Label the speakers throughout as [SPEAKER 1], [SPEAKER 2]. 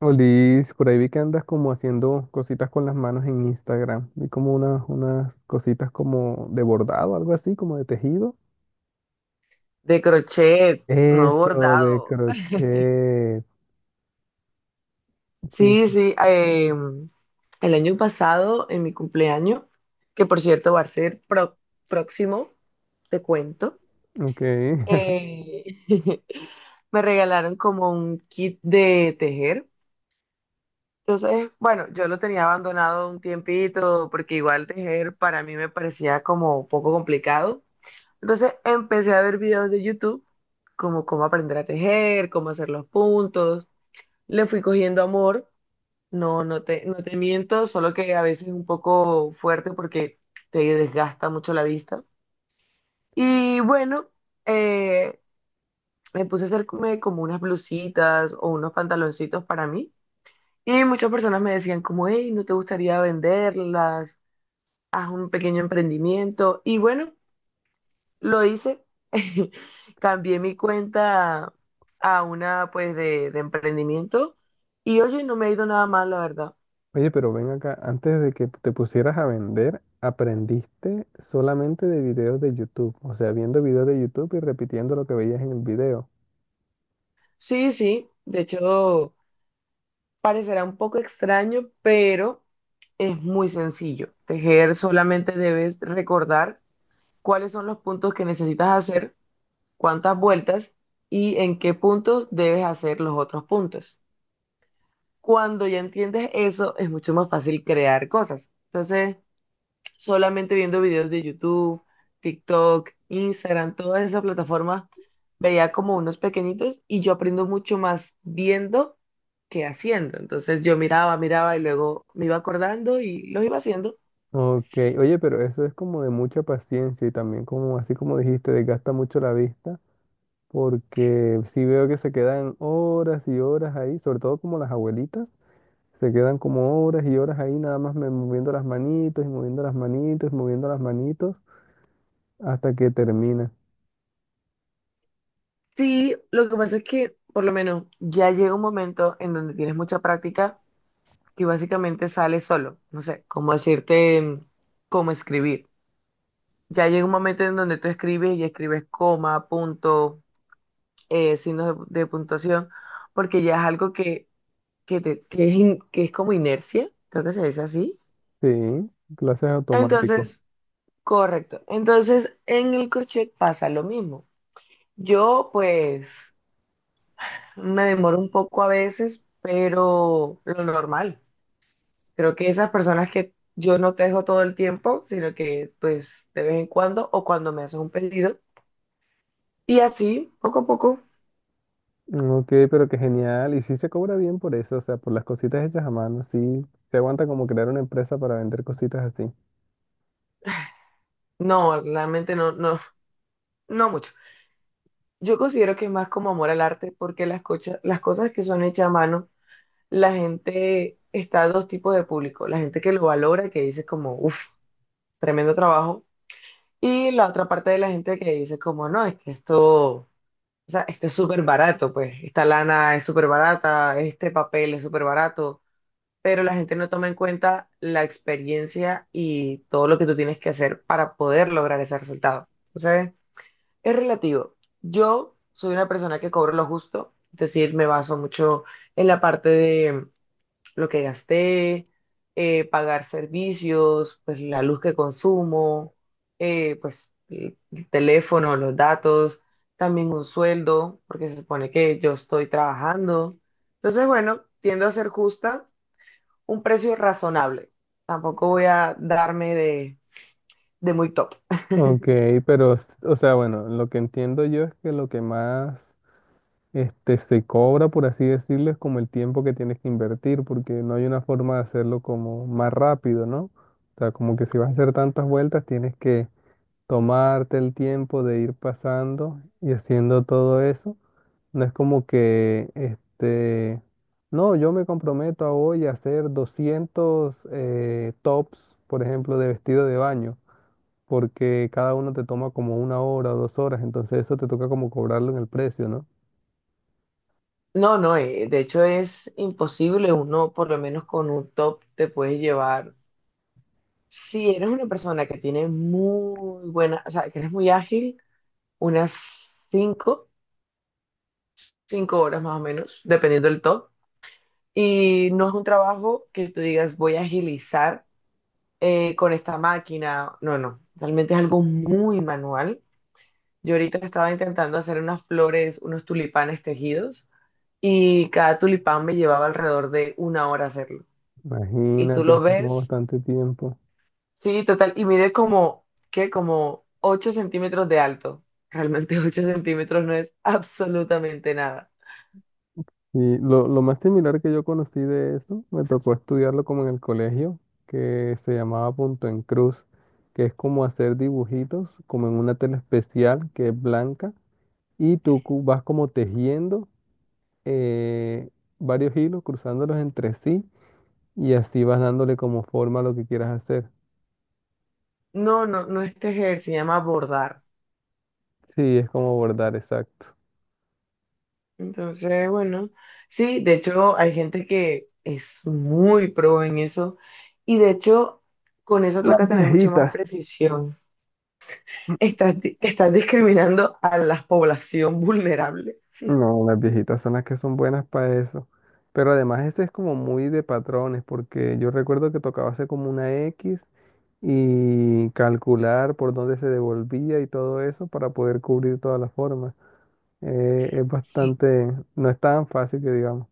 [SPEAKER 1] Olis, por ahí vi que andas como haciendo cositas con las manos en Instagram. Vi como unas cositas como de bordado, algo así, como de tejido.
[SPEAKER 2] De crochet, no
[SPEAKER 1] Eso, de
[SPEAKER 2] bordado.
[SPEAKER 1] crochet.
[SPEAKER 2] Sí,
[SPEAKER 1] Sí,
[SPEAKER 2] sí. El año pasado, en mi cumpleaños, que por cierto va a ser próximo, te cuento,
[SPEAKER 1] ok.
[SPEAKER 2] eh, me regalaron como un kit de tejer. Entonces, bueno, yo lo tenía abandonado un tiempito porque igual tejer para mí me parecía como un poco complicado. Entonces empecé a ver videos de YouTube como cómo aprender a tejer, cómo hacer los puntos. Le fui cogiendo amor. No, no te miento, solo que a veces es un poco fuerte porque te desgasta mucho la vista. Y bueno, eh, me puse a hacerme como unas blusitas o unos pantaloncitos para mí. Y muchas personas me decían como, hey, ¿no te gustaría venderlas? Haz un pequeño emprendimiento. Y bueno, lo hice. Cambié mi cuenta a una pues de emprendimiento. Y oye, no me ha ido nada mal, la verdad.
[SPEAKER 1] Oye, pero ven acá, antes de que te pusieras a vender, aprendiste solamente de videos de YouTube, o sea, viendo videos de YouTube y repitiendo lo que veías en el video.
[SPEAKER 2] Sí, sí, de hecho parecerá un poco extraño, pero es muy sencillo. Tejer solamente debes recordar cuáles son los puntos que necesitas hacer, cuántas vueltas y en qué puntos debes hacer los otros puntos. Cuando ya entiendes eso, es mucho más fácil crear cosas. Entonces, solamente viendo videos de YouTube, TikTok, Instagram, todas esas plataformas, veía como unos pequeñitos y yo aprendo mucho más viendo que haciendo. Entonces yo miraba, miraba y luego me iba acordando y los iba haciendo.
[SPEAKER 1] Ok, oye, pero eso es como de mucha paciencia y también como así como dijiste, desgasta mucho la vista. Porque si veo que se quedan horas y horas ahí, sobre todo como las abuelitas, se quedan como horas y horas ahí nada más moviendo las manitos y moviendo las manitos hasta que termina.
[SPEAKER 2] Sí, lo que pasa es que por lo menos ya llega un momento en donde tienes mucha práctica que básicamente sale solo. No sé, cómo decirte, cómo escribir. Ya llega un momento en donde tú escribes y escribes coma, punto, signos de puntuación, porque ya es algo que, te- que es in- que es como inercia, creo que se dice así.
[SPEAKER 1] Sí, clases automático.
[SPEAKER 2] Entonces, correcto. Entonces, en el crochet pasa lo mismo. Yo, pues, me demoro un poco a veces, pero lo normal. Creo que esas personas que yo no tejo todo el tiempo, sino que, pues, de vez en cuando o cuando me haces un pedido. Y así, poco a poco.
[SPEAKER 1] Ok, pero qué genial. Y sí se cobra bien por eso, o sea, por las cositas hechas a mano, sí. Se aguanta como crear una empresa para vender cositas así.
[SPEAKER 2] No, realmente no, no, no mucho. Yo considero que es más como amor al arte, porque las cosas que son hechas a mano, la gente está a dos tipos de público. La gente que lo valora, que dice como, uff, tremendo trabajo. Y la otra parte de la gente que dice como, no, es que esto, o sea, esto es súper barato, pues, esta lana es súper barata, este papel es súper barato. Pero la gente no toma en cuenta la experiencia y todo lo que tú tienes que hacer para poder lograr ese resultado. Es relativo. Yo soy una persona que cobro lo justo, es decir, me baso mucho en la parte de lo que gasté, pagar servicios, pues la luz que consumo, pues el teléfono, los datos, también un sueldo, porque se supone que yo estoy trabajando. Entonces, bueno, tiendo a ser justa, un precio razonable. Tampoco voy a darme de muy top.
[SPEAKER 1] Ok, pero, o sea, bueno, lo que entiendo yo es que lo que más, este, se cobra, por así decirlo, es como el tiempo que tienes que invertir, porque no hay una forma de hacerlo como más rápido, ¿no? O sea, como que si vas a hacer tantas vueltas, tienes que tomarte el tiempo de ir pasando y haciendo todo eso. No es como que, este, no, yo me comprometo a hoy a hacer 200 tops, por ejemplo, de vestido de baño, porque cada uno te toma como una hora o dos horas, entonces eso te toca como cobrarlo en el precio, ¿no?
[SPEAKER 2] No, no, de hecho es imposible. Uno, por lo menos con un top, te puedes llevar. Si eres una persona que tiene muy buena, o sea, que eres muy ágil, unas 5 horas más o menos, dependiendo del top. Y no es un trabajo que tú digas, voy a agilizar con esta máquina. No, no, realmente es algo muy manual. Yo ahorita estaba intentando hacer unas flores, unos tulipanes tejidos, y cada tulipán me llevaba alrededor de una hora hacerlo. Y tú
[SPEAKER 1] Imagínate,
[SPEAKER 2] lo
[SPEAKER 1] eso tomó
[SPEAKER 2] ves,
[SPEAKER 1] bastante tiempo.
[SPEAKER 2] sí, total, y mide como, ¿qué? Como 8 centímetros de alto. Realmente 8 centímetros no es absolutamente nada.
[SPEAKER 1] Y lo más similar que yo conocí de eso, me tocó estudiarlo como en el colegio, que se llamaba punto en cruz, que es como hacer dibujitos, como en una tela especial que es blanca, y tú vas como tejiendo eh, varios hilos, cruzándolos entre sí, y así vas dándole como forma a lo que quieras hacer.
[SPEAKER 2] No, no, no este tejer, se llama bordar.
[SPEAKER 1] Sí, es como bordar, exacto.
[SPEAKER 2] Entonces, bueno, sí, de hecho hay gente que es muy pro en eso y de hecho con eso
[SPEAKER 1] Las
[SPEAKER 2] toca tener mucho más
[SPEAKER 1] viejitas.
[SPEAKER 2] precisión. Estás, estás discriminando a la población vulnerable.
[SPEAKER 1] No, las viejitas son las que son buenas para eso. Pero además ese es como muy de patrones, porque yo recuerdo que tocaba hacer como una X y calcular por dónde se devolvía y todo eso para poder cubrir todas las formas. Es
[SPEAKER 2] Sí,
[SPEAKER 1] bastante, no es tan fácil que digamos.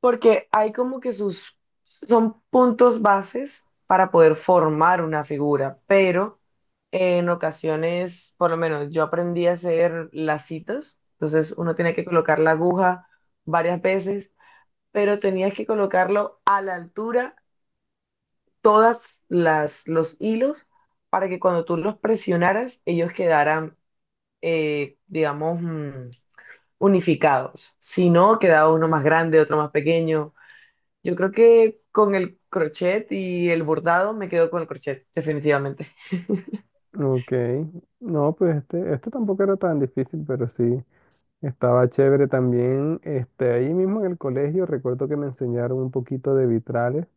[SPEAKER 2] porque hay como que sus, son puntos bases para poder formar una figura, pero en ocasiones, por lo menos yo aprendí a hacer lacitos, entonces uno tenía que colocar la aguja varias veces, pero tenías que colocarlo a la altura, todas las, los hilos, para que cuando tú los presionaras, ellos quedaran, digamos, unificados. Si no, quedaba uno más grande, otro más pequeño. Yo creo que con el crochet y el bordado me quedo con el crochet, definitivamente.
[SPEAKER 1] Ok, no, pues este tampoco era tan difícil, pero sí, estaba chévere también. Este, ahí mismo en el colegio recuerdo que me enseñaron un poquito de vitrales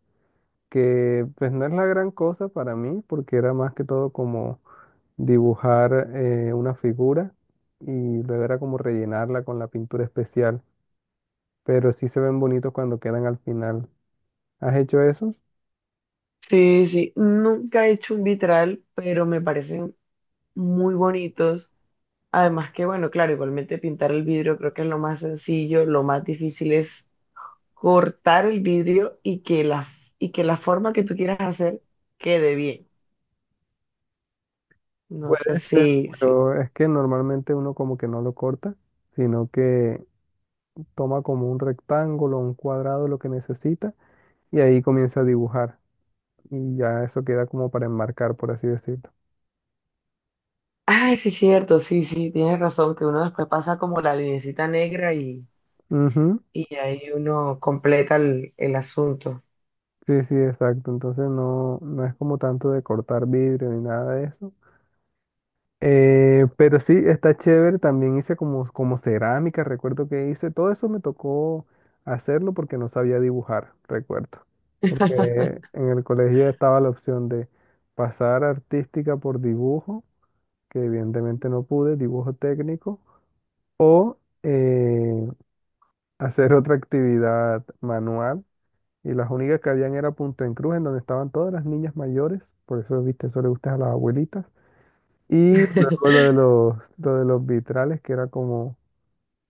[SPEAKER 1] que pues no es la gran cosa para mí, porque era más que todo como dibujar una figura y luego era como rellenarla con la pintura especial, pero sí se ven bonitos cuando quedan al final. ¿Has hecho eso?
[SPEAKER 2] Sí, sí, nunca he hecho un vitral, pero me parecen muy bonitos. Además que, bueno, claro, igualmente pintar el vidrio creo que es lo más sencillo, lo más difícil es cortar el vidrio y que la forma que tú quieras hacer quede bien. No
[SPEAKER 1] Puede
[SPEAKER 2] sé si,
[SPEAKER 1] ser,
[SPEAKER 2] si.
[SPEAKER 1] pero es que normalmente uno como que no lo corta, sino que toma como un rectángulo, un cuadrado, lo que necesita, y ahí comienza a dibujar. Y ya eso queda como para enmarcar, por así decirlo.
[SPEAKER 2] Ay, sí, cierto, sí, sí, tienes razón, que uno después pasa como la linecita negra
[SPEAKER 1] Ujú.
[SPEAKER 2] y ahí uno completa el asunto.
[SPEAKER 1] Sí, sí, exacto. Entonces no, no es como tanto de cortar vidrio ni nada de eso. Pero sí, está chévere. También hice como, como cerámica, recuerdo que hice. Todo eso me tocó hacerlo porque no sabía dibujar, recuerdo. Porque en el colegio estaba la opción de pasar artística por dibujo, que evidentemente no pude, dibujo técnico, o hacer otra actividad manual. Y las únicas que habían era Punta en Cruz, en donde estaban todas las niñas mayores, por eso, viste, eso le gusta a las abuelitas. Y luego lo de los vitrales, que era como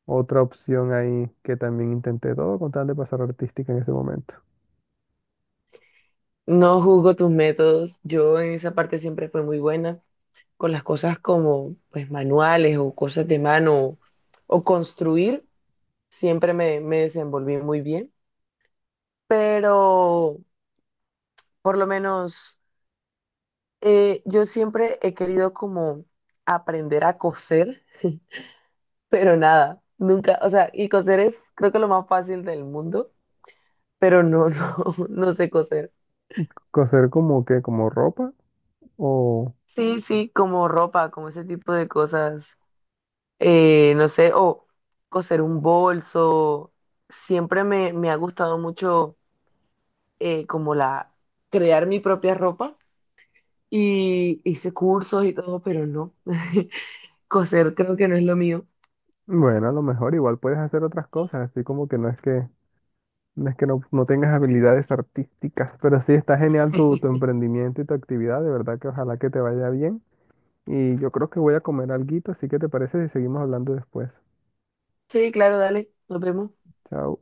[SPEAKER 1] otra opción ahí que también intenté todo con tal de pasar artística en ese momento.
[SPEAKER 2] No juzgo tus métodos, yo en esa parte siempre fui muy buena con las cosas como pues manuales o cosas de mano o construir, siempre me desenvolví muy bien, pero por lo menos yo siempre he querido como aprender a coser, pero nada, nunca, o sea, y coser es creo que lo más fácil del mundo, pero no, no, no sé coser.
[SPEAKER 1] Coser como que, como ropa, o
[SPEAKER 2] Sí, sí, como ropa, como ese tipo de cosas. No sé, o coser un bolso. Siempre me ha gustado mucho como la crear mi propia ropa y hice cursos y todo, pero no. Coser creo que no es lo mío.
[SPEAKER 1] bueno, a lo mejor igual puedes hacer otras cosas, así como que no es que no, no tengas habilidades artísticas, pero sí está genial tu emprendimiento y tu actividad, de verdad que ojalá que te vaya bien. Y yo creo que voy a comer alguito, así que ¿te parece si seguimos hablando después?
[SPEAKER 2] Sí, claro, dale, nos vemos.
[SPEAKER 1] Chao.